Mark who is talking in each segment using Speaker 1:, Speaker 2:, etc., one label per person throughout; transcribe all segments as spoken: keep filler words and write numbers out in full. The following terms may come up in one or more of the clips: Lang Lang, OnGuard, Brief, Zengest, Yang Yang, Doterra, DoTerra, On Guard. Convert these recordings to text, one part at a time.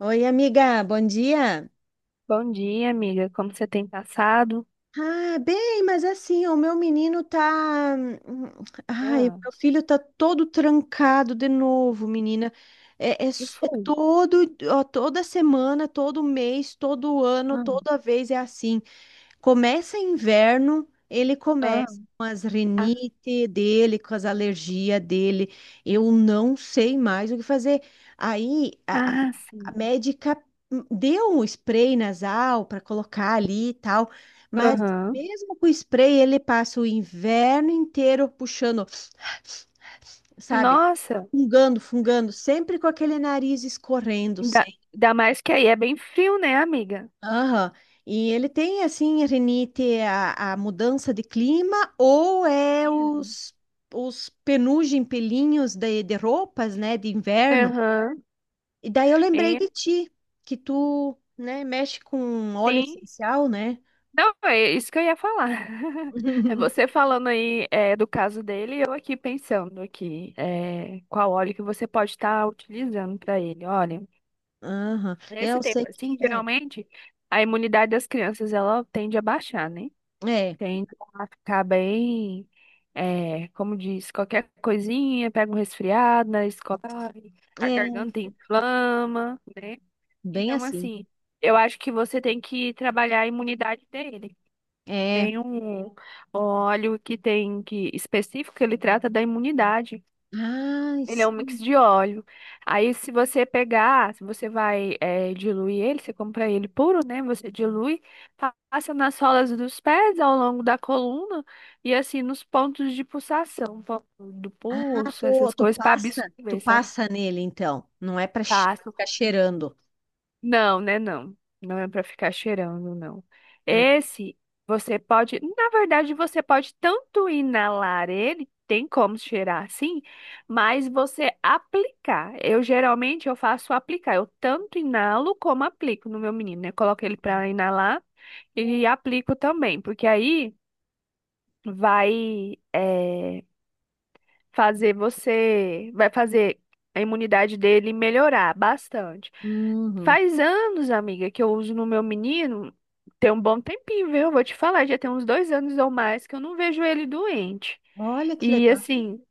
Speaker 1: Oi, amiga, bom dia.
Speaker 2: Bom dia, amiga. Como você tem passado?
Speaker 1: Ah, bem, mas é assim, o meu menino tá. hum, Ai, o
Speaker 2: Ah,
Speaker 1: meu filho tá todo trancado de novo, menina. É, é,
Speaker 2: que
Speaker 1: s- é
Speaker 2: foi?
Speaker 1: todo, ó, toda semana, todo mês, todo ano,
Speaker 2: Ah,
Speaker 1: toda vez é assim. Começa inverno, ele
Speaker 2: ah,
Speaker 1: começa com as rinite dele, com as alergias dele. Eu não sei mais o que fazer. Aí, a-
Speaker 2: ah,
Speaker 1: A
Speaker 2: sim.
Speaker 1: médica deu um spray nasal para colocar ali e tal, mas
Speaker 2: Aham.
Speaker 1: mesmo com o spray, ele passa o inverno inteiro puxando, sabe?
Speaker 2: Nossa,
Speaker 1: Fungando, fungando, sempre com aquele nariz escorrendo,
Speaker 2: ainda,
Speaker 1: sempre.
Speaker 2: ainda mais que aí é bem frio, né, amiga?
Speaker 1: Aham. E ele tem, assim, rinite, a, a mudança de clima ou é
Speaker 2: Sim.
Speaker 1: os, os penugem pelinhos de, de roupas, né, de inverno.
Speaker 2: Aham.
Speaker 1: E daí eu lembrei
Speaker 2: É,
Speaker 1: de ti, que tu, né, mexe com óleo
Speaker 2: sim.
Speaker 1: essencial, né?
Speaker 2: Não, é isso que eu ia falar. É você falando aí é, do caso dele, e eu aqui pensando aqui é, qual óleo que você pode estar utilizando para ele. Olha,
Speaker 1: Aham.
Speaker 2: nesse
Speaker 1: Eu sei
Speaker 2: tempo
Speaker 1: que
Speaker 2: assim,
Speaker 1: é.
Speaker 2: geralmente a imunidade das crianças ela tende a baixar, né?
Speaker 1: É,
Speaker 2: Tende a ficar bem, é, como diz, qualquer coisinha, pega um resfriado na escola, a
Speaker 1: é,
Speaker 2: garganta inflama, né?
Speaker 1: bem
Speaker 2: Então,
Speaker 1: assim.
Speaker 2: assim, eu acho que você tem que trabalhar a imunidade dele.
Speaker 1: É.
Speaker 2: Tem um óleo que tem que específico que ele trata da imunidade.
Speaker 1: Ai,
Speaker 2: Ele é um mix
Speaker 1: sim.
Speaker 2: de óleo. Aí, se você pegar, se você vai eh, diluir ele, você compra ele puro, né? Você dilui, pa- passa nas solas dos pés ao longo da coluna e assim nos pontos de pulsação, ponto do
Speaker 1: Ah,
Speaker 2: pulso,
Speaker 1: tu,
Speaker 2: essas
Speaker 1: tu
Speaker 2: coisas, para
Speaker 1: passa, tu
Speaker 2: absorver,
Speaker 1: passa nele, então. Não é para
Speaker 2: sabe?
Speaker 1: ficar cheirando.
Speaker 2: Não, né? Não. Não é pra ficar cheirando, não.
Speaker 1: Ah,
Speaker 2: Esse, você pode. Na verdade, você pode tanto inalar ele, tem como cheirar sim, mas você aplicar. Eu geralmente eu faço aplicar. Eu tanto inalo como aplico no meu menino, né? Coloco ele pra inalar e aplico também, porque aí vai. eh, fazer você, vai fazer a imunidade dele melhorar bastante.
Speaker 1: uhum.
Speaker 2: Faz anos, amiga, que eu uso no meu menino. Tem um bom tempinho, viu? Eu Vou te falar, já tem uns dois anos ou mais que eu não vejo ele doente.
Speaker 1: Olha que
Speaker 2: E
Speaker 1: legal.
Speaker 2: assim,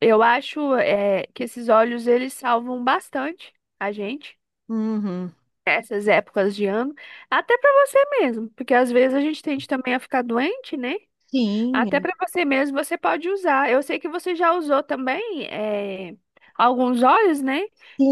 Speaker 2: eu acho é, que esses óleos eles salvam bastante a gente
Speaker 1: Uhum.
Speaker 2: nessas épocas de ano, até pra você mesmo, porque às vezes a gente tende também a ficar doente, né?
Speaker 1: Sim,
Speaker 2: Até
Speaker 1: é.
Speaker 2: para você mesmo você pode usar. Eu sei que você já usou também é, alguns óleos, né?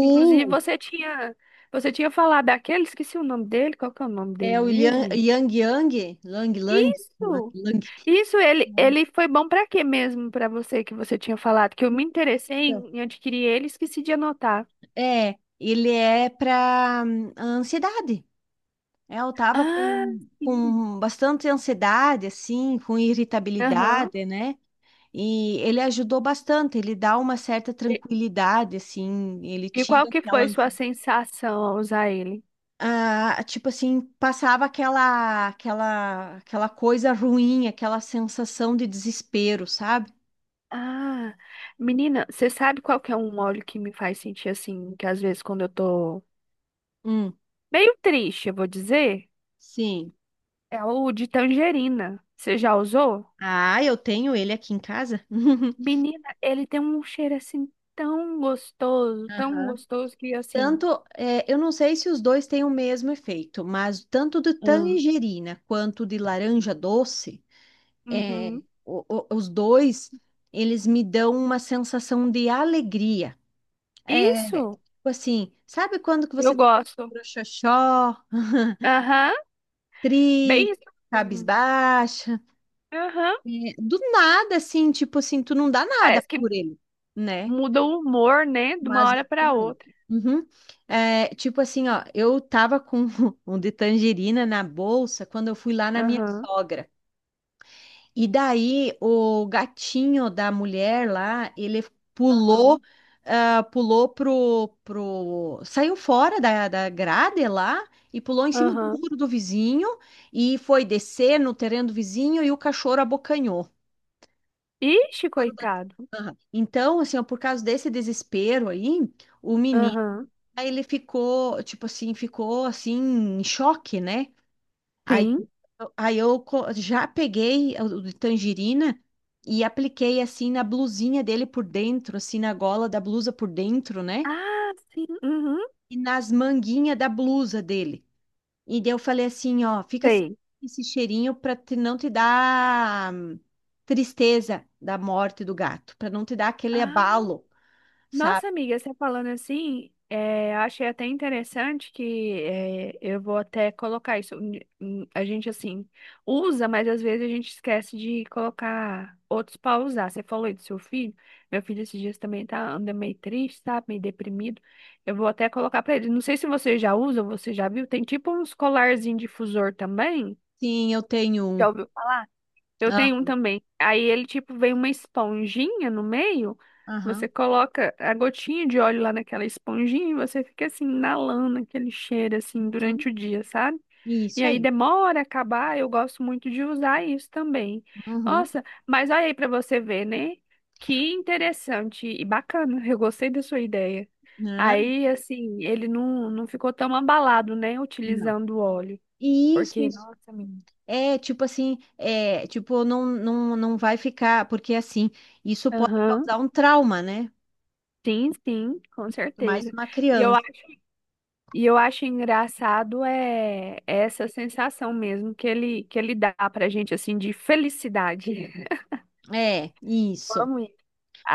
Speaker 2: Inclusive você tinha você tinha falado daquele, esqueci o nome dele, qual que é o nome
Speaker 1: É
Speaker 2: dele
Speaker 1: o Yang
Speaker 2: mesmo?
Speaker 1: Yang, Yang, Lang Lang, Lang.
Speaker 2: Isso.
Speaker 1: Lang.
Speaker 2: Isso ele
Speaker 1: Nossa.
Speaker 2: ele foi bom para quê mesmo para você que você tinha falado que eu me interessei em, em adquirir ele, e esqueci de anotar.
Speaker 1: É, ele é para ansiedade. É, eu tava
Speaker 2: Ah,
Speaker 1: com,
Speaker 2: sim.
Speaker 1: com bastante ansiedade, assim, com
Speaker 2: Aham.
Speaker 1: irritabilidade, né? E ele ajudou bastante, ele dá uma certa
Speaker 2: E,
Speaker 1: tranquilidade, assim, ele
Speaker 2: e qual
Speaker 1: tira
Speaker 2: que
Speaker 1: aquela,
Speaker 2: foi sua
Speaker 1: ansi-
Speaker 2: sensação ao usar ele?
Speaker 1: Ah, tipo assim, passava aquela, aquela, aquela coisa ruim, aquela sensação de desespero, sabe?
Speaker 2: Ah, menina, você sabe qual que é um óleo que me faz sentir assim, que às vezes quando eu tô
Speaker 1: Hum.
Speaker 2: meio triste, eu vou dizer,
Speaker 1: Sim.
Speaker 2: é o de tangerina. Você já usou?
Speaker 1: Ah, eu tenho ele aqui em casa.
Speaker 2: Menina, ele tem um cheiro assim tão gostoso, tão
Speaker 1: Aham.
Speaker 2: gostoso que assim.
Speaker 1: Tanto, é, eu não sei se os dois têm o mesmo efeito, mas tanto de
Speaker 2: Ah,
Speaker 1: tangerina quanto de laranja doce, é,
Speaker 2: uhum.
Speaker 1: o- o- os dois, eles me dão uma sensação de alegria. É, tipo
Speaker 2: Isso,
Speaker 1: assim, sabe quando que
Speaker 2: eu
Speaker 1: você tá
Speaker 2: gosto.
Speaker 1: xoxó,
Speaker 2: Aham, bem
Speaker 1: triste,
Speaker 2: isso mesmo.
Speaker 1: cabisbaixa?
Speaker 2: Aham,
Speaker 1: É, do nada, assim, tipo assim, tu não dá nada
Speaker 2: parece que
Speaker 1: por ele, né?
Speaker 2: muda o humor, né, de uma
Speaker 1: Mas
Speaker 2: hora para outra.
Speaker 1: Uhum. É, tipo assim, ó, eu tava com um de tangerina na bolsa quando eu fui lá na minha
Speaker 2: Aham,
Speaker 1: sogra. E daí o gatinho da mulher lá, ele
Speaker 2: aham,
Speaker 1: pulou, ah, pulou pro, pro, saiu fora da, da grade lá e pulou em cima do
Speaker 2: aham.
Speaker 1: muro do vizinho e foi descer no terreno do vizinho e o cachorro abocanhou.
Speaker 2: Ixi,
Speaker 1: Cachorro da-
Speaker 2: coitado.
Speaker 1: Aham. Então, assim, ó, por causa desse desespero aí, o menino
Speaker 2: Aham.
Speaker 1: Aí ele ficou, tipo assim, ficou assim, em choque, né? Aí,
Speaker 2: Sim.
Speaker 1: eu- aí eu co- já peguei o de tangerina e apliquei assim na blusinha dele por dentro, assim, na gola da blusa por dentro, né?
Speaker 2: Ah, sim. Uhum,
Speaker 1: E nas manguinhas da blusa dele. E daí eu falei assim, ó, fica sem
Speaker 2: sei.
Speaker 1: esse cheirinho pra te- não te dar hum, tristeza da morte do gato, pra não te dar aquele
Speaker 2: Ah,
Speaker 1: abalo, sabe?
Speaker 2: nossa, amiga, você falando assim, é, eu achei até interessante que é, eu vou até colocar isso. Hum, hum, a gente, assim, usa, mas às vezes a gente esquece de colocar outros para usar. Você falou aí do seu filho. Meu filho esses dias também tá, anda meio triste, sabe? Meio deprimido. Eu vou até colocar para ele. Não sei se você já usa, ou você já viu. Tem tipo uns colarzinho difusor também.
Speaker 1: Sim, eu tenho um.
Speaker 2: Eu
Speaker 1: Ah,
Speaker 2: tenho um também. Aí ele, tipo, vem uma esponjinha no meio. Você
Speaker 1: aham.
Speaker 2: coloca a gotinha de óleo lá naquela esponjinha e você fica assim, inalando aquele cheiro, assim,
Speaker 1: Uhum.
Speaker 2: durante o dia, sabe? E
Speaker 1: Isso
Speaker 2: aí
Speaker 1: aí.
Speaker 2: demora a acabar. Eu gosto muito de usar isso também.
Speaker 1: Uhum.
Speaker 2: Nossa, mas olha aí pra você ver, né? Que interessante e bacana. Eu gostei da sua ideia.
Speaker 1: Não,
Speaker 2: Aí, assim, ele não, não ficou tão abalado, né?
Speaker 1: não.
Speaker 2: Utilizando o óleo.
Speaker 1: Isso,
Speaker 2: Porque,
Speaker 1: isso.
Speaker 2: nossa, menina.
Speaker 1: É, tipo assim, é, tipo, não, não, não vai ficar, porque assim, isso pode
Speaker 2: Aham.
Speaker 1: causar um trauma, né?
Speaker 2: Sim, sim, com
Speaker 1: Mais
Speaker 2: certeza.
Speaker 1: uma
Speaker 2: E eu, a-
Speaker 1: criança.
Speaker 2: e eu acho engraçado é é essa sensação mesmo que ele que ele dá pra gente assim de felicidade.
Speaker 1: É,
Speaker 2: Eu
Speaker 1: isso.
Speaker 2: amo isso.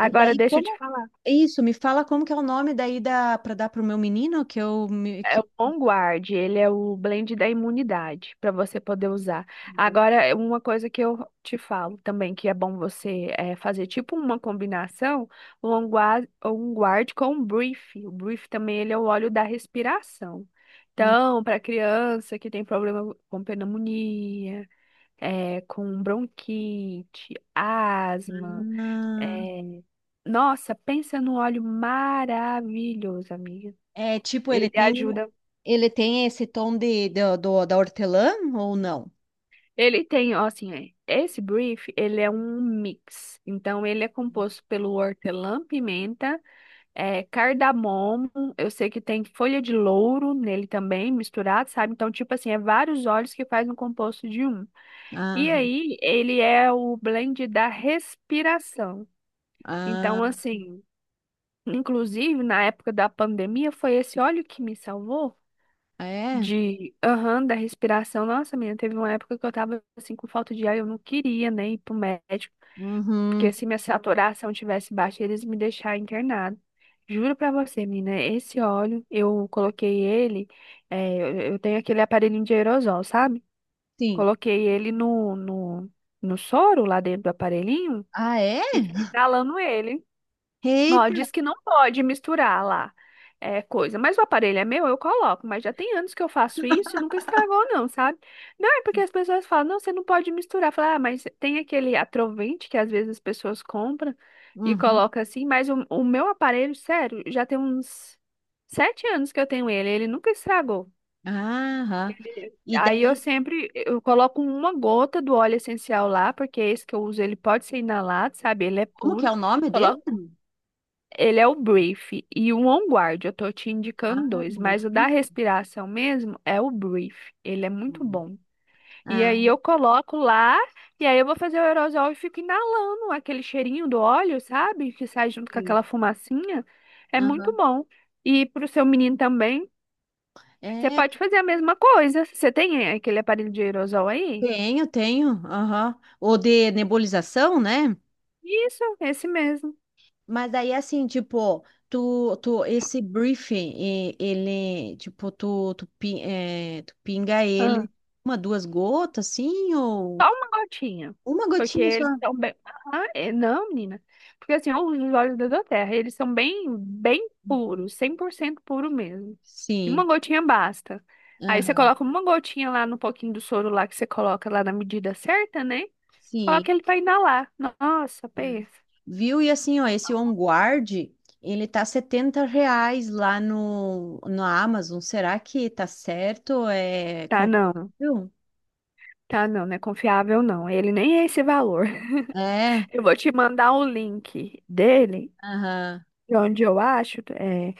Speaker 1: E daí,
Speaker 2: deixa eu te
Speaker 1: como.
Speaker 2: falar.
Speaker 1: Isso, me fala como que é o nome daí da, para dar pro meu menino, que eu. me-
Speaker 2: É o
Speaker 1: Que...
Speaker 2: OnGuard, ele é o blend da imunidade para você poder usar. Agora, é uma coisa que eu te falo também, que é bom você eh, fazer tipo uma combinação, o OnGuard, OnGuard com o Brief. O Brief também ele é o óleo da respiração.
Speaker 1: Hum,
Speaker 2: Então, para criança que tem problema com pneumonia, eh, com bronquite, asma,
Speaker 1: ah.
Speaker 2: eh, nossa, pensa num óleo maravilhoso, amiga.
Speaker 1: É, tipo, ele
Speaker 2: Ele
Speaker 1: tem.
Speaker 2: ajuda.
Speaker 1: Ele tem esse tom de, do, do- da hortelã ou não?
Speaker 2: Ele tem, ó, assim, é, esse brief, ele é um mix. Então, ele é composto pelo hortelã-pimenta, é, cardamomo, eu sei que tem folha de louro nele também, misturado, sabe? Então, tipo assim, é vários óleos que faz um composto de um. E
Speaker 1: Ah,
Speaker 2: aí, ele é o blend da respiração.
Speaker 1: ah,
Speaker 2: Então, assim, inclusive, na época da pandemia, foi esse óleo que me salvou,
Speaker 1: é?
Speaker 2: de, aham, da respiração. Nossa, menina, teve uma época que eu tava assim com falta de ar, eu não queria nem ir pro médico, porque
Speaker 1: Uhum.
Speaker 2: se minha saturação tivesse baixa, eles me deixar internado. Juro pra você, menina, esse óleo, eu coloquei ele, é, eu eu tenho aquele aparelhinho de aerosol, sabe?
Speaker 1: Sim.
Speaker 2: Coloquei ele no, no, no soro lá dentro do aparelhinho
Speaker 1: Ah, é?
Speaker 2: e fiquei inalando ele. Ó,
Speaker 1: Eita!
Speaker 2: diz que não pode misturar lá é, coisa, mas o aparelho é meu, eu coloco, mas já tem anos que eu faço isso e nunca estragou não, sabe? Não, é porque as pessoas falam, não, você não pode misturar. Fala, ah, mas tem aquele atrovente que às vezes as pessoas compram e
Speaker 1: Uhum.
Speaker 2: coloca assim, mas o, o meu aparelho, sério, já tem uns sete anos que eu tenho ele, ele nunca estragou.
Speaker 1: Aham.
Speaker 2: Ele-
Speaker 1: E
Speaker 2: Aí eu
Speaker 1: daí,
Speaker 2: sempre eu coloco uma gota do óleo essencial lá, porque esse que eu uso ele pode ser inalado, sabe? Ele é
Speaker 1: como que é
Speaker 2: puro.
Speaker 1: o nome dele?
Speaker 2: Ele é o Brief e o On Guard. Eu tô te indicando
Speaker 1: Ah,
Speaker 2: dois, mas o da
Speaker 1: Maleficent.
Speaker 2: respiração mesmo é o Brief. Ele é muito bom. E
Speaker 1: Ah,
Speaker 2: aí eu coloco lá e aí eu vou fazer o aerosol e fico inalando aquele cheirinho do óleo, sabe? Que sai junto com
Speaker 1: sim.
Speaker 2: aquela fumacinha. É muito
Speaker 1: Aham.
Speaker 2: bom. E pro seu menino também, você
Speaker 1: É,
Speaker 2: pode
Speaker 1: que-
Speaker 2: fazer a mesma coisa. Você tem é, aquele aparelho de aerosol aí?
Speaker 1: tenho, tenho. Aham. Ou de nebulização, né?
Speaker 2: Isso, esse mesmo.
Speaker 1: Mas daí, assim, tipo, tu, tu, esse briefing, e- ele, tipo, tu, tu, pin- é, tu pinga ele uma, duas gotas, assim, ou
Speaker 2: Só uma gotinha.
Speaker 1: uma
Speaker 2: Porque
Speaker 1: gotinha só?
Speaker 2: eles são bem. Ah, é- não, menina. Porque assim, ó, os olhos da Doterra, eles são bem, bem
Speaker 1: Uhum.
Speaker 2: puros, cem por cento puro mesmo. E uma
Speaker 1: Sim.
Speaker 2: gotinha basta. Aí você
Speaker 1: Aham.
Speaker 2: coloca uma gotinha lá no pouquinho do soro lá que você coloca lá na medida certa, né?
Speaker 1: Sim.
Speaker 2: Coloca ele pra inalar. Nossa,
Speaker 1: É.
Speaker 2: pensa.
Speaker 1: Viu? E assim, ó, esse On Guard, ele tá setenta reais lá no, no Amazon. Será que tá certo? É
Speaker 2: Tá não.
Speaker 1: confiável?
Speaker 2: Tá não, não é confiável não. Ele nem é esse valor.
Speaker 1: É,
Speaker 2: Eu vou te mandar o link dele,
Speaker 1: aham.
Speaker 2: de onde eu acho. É,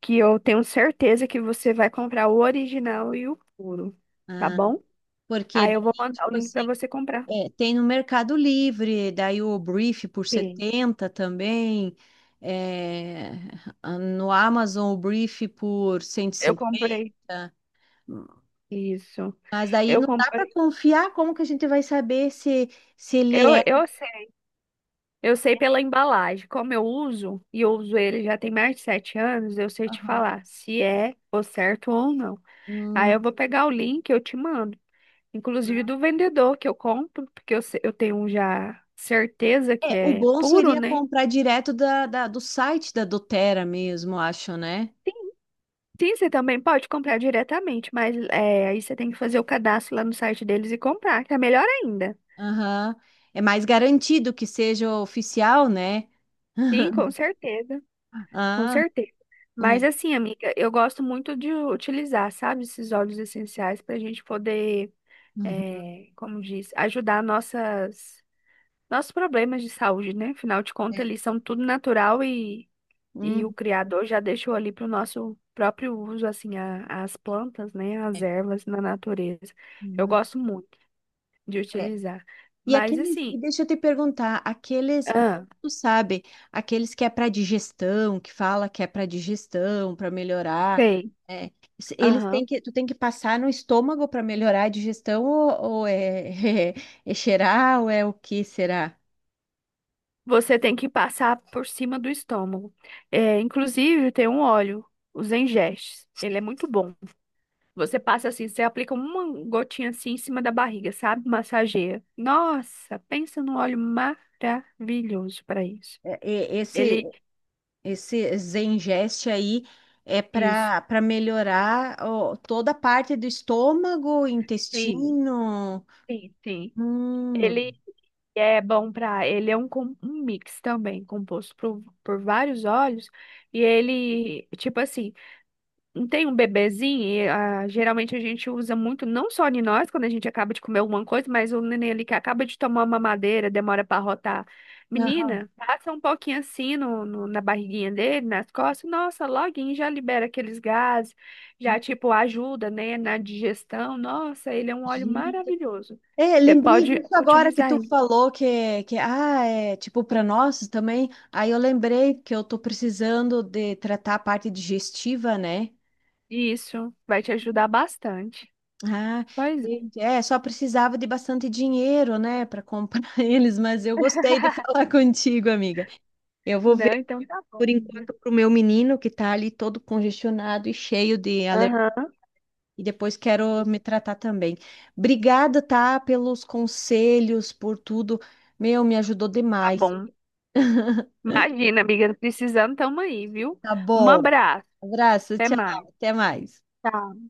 Speaker 2: que eu tenho certeza que você vai comprar o original e o puro, tá
Speaker 1: Ah.
Speaker 2: bom?
Speaker 1: Porque
Speaker 2: Aí eu vou
Speaker 1: daí,
Speaker 2: mandar o
Speaker 1: tipo
Speaker 2: link para
Speaker 1: assim,
Speaker 2: você comprar.
Speaker 1: é, tem no Mercado Livre, daí o Brief por
Speaker 2: Sim.
Speaker 1: setenta também. É, no Amazon o Brief por cento e
Speaker 2: Eu comprei
Speaker 1: cinquenta
Speaker 2: isso.
Speaker 1: Mas daí
Speaker 2: Eu
Speaker 1: não dá para
Speaker 2: comprei.
Speaker 1: confiar, como que a gente vai saber se, se ele
Speaker 2: Eu,
Speaker 1: é.
Speaker 2: eu sei, eu sei pela embalagem. Como eu uso, e eu uso ele já tem mais de sete anos, eu sei te
Speaker 1: Aham.
Speaker 2: falar se é o certo ou não. Aí
Speaker 1: Hum,
Speaker 2: eu vou pegar o link, eu te mando. Inclusive do vendedor que eu compro, porque eu, se- eu tenho já certeza que
Speaker 1: é, o
Speaker 2: é
Speaker 1: bom
Speaker 2: puro,
Speaker 1: seria
Speaker 2: né?
Speaker 1: comprar direto da, da- do site da DoTerra mesmo, acho, né?
Speaker 2: Sim, você também pode comprar diretamente, mas é, aí você tem que fazer o cadastro lá no site deles e comprar, que é melhor ainda.
Speaker 1: Aham. É mais garantido que seja oficial, né?
Speaker 2: Sim, com certeza, com
Speaker 1: Ah,
Speaker 2: certeza. Mas
Speaker 1: é.
Speaker 2: assim, amiga, eu gosto muito de utilizar, sabe, esses óleos essenciais para a gente poder,
Speaker 1: Uhum.
Speaker 2: é, como diz, ajudar nossas, nossos problemas de saúde, né? Afinal de contas, eles
Speaker 1: É.
Speaker 2: são tudo natural e, e o
Speaker 1: Hum,
Speaker 2: Criador já deixou ali para o nosso próprio uso, assim, a- as plantas, né? As
Speaker 1: é.
Speaker 2: ervas na natureza. Eu
Speaker 1: Uhum.
Speaker 2: gosto muito. De
Speaker 1: É.
Speaker 2: utilizar.
Speaker 1: E
Speaker 2: Mas
Speaker 1: aqueles,
Speaker 2: assim,
Speaker 1: e deixa eu te perguntar, aqueles,
Speaker 2: ah,
Speaker 1: tu sabe, aqueles que é para digestão, que fala que é para digestão, para melhorar,
Speaker 2: tem,
Speaker 1: é, se- eles têm
Speaker 2: aham.
Speaker 1: que, tu tem que passar no estômago para melhorar a digestão ou, ou é, é, cheirar ou é o que será?
Speaker 2: Você tem que passar por cima do estômago. É, inclusive, tem um óleo, os Engestes. Ele é muito bom. Você passa assim, você aplica uma gotinha assim em cima da barriga, sabe? Massageia. Nossa, pensa num óleo maravilhoso para isso.
Speaker 1: É, é,
Speaker 2: Ele,
Speaker 1: Esse esse Zengest aí é
Speaker 2: isso.
Speaker 1: para para melhorar ó, toda a parte do estômago,
Speaker 2: Sim,
Speaker 1: intestino.
Speaker 2: sim, sim. Ele
Speaker 1: Hum,
Speaker 2: é bom para, ele é um, com- um mix também, composto por, por vários óleos. E ele, tipo assim, não tem um bebezinho, e, ah, geralmente a gente usa muito, não só em nós, quando a gente acaba de comer alguma coisa, mas o neném ali que acaba de tomar uma mamadeira, demora para rotar.
Speaker 1: aham.
Speaker 2: Menina, passa um pouquinho assim no, no- na barriguinha dele, nas costas, nossa, loguinho já libera aqueles gases, já tipo ajuda, né, na digestão. Nossa, ele é um óleo
Speaker 1: Gente,
Speaker 2: maravilhoso.
Speaker 1: é,
Speaker 2: Você
Speaker 1: lembrei
Speaker 2: pode
Speaker 1: disso agora que
Speaker 2: utilizar
Speaker 1: tu
Speaker 2: ele.
Speaker 1: falou que, que ah, é tipo para nós também. Aí eu lembrei que eu tô precisando de tratar a parte digestiva, né?
Speaker 2: Isso vai te ajudar bastante.
Speaker 1: Ah,
Speaker 2: Pois é.
Speaker 1: gente, é, só precisava de bastante dinheiro, né, para comprar eles, mas eu gostei de falar contigo, amiga. Eu vou ver
Speaker 2: Não, então tá
Speaker 1: por
Speaker 2: bom, minha.
Speaker 1: enquanto pro meu menino que tá ali todo congestionado e cheio de alergia.
Speaker 2: Aham.
Speaker 1: E depois quero me tratar também. Obrigada, tá, pelos conselhos, por tudo. Meu, me ajudou
Speaker 2: Tá
Speaker 1: demais.
Speaker 2: bom. Imagina, amiga, precisando, tamo aí, viu?
Speaker 1: Tá
Speaker 2: Um
Speaker 1: bom.
Speaker 2: abraço,
Speaker 1: Abraço,
Speaker 2: até
Speaker 1: tchau.
Speaker 2: mais.
Speaker 1: Até mais.
Speaker 2: Tchau.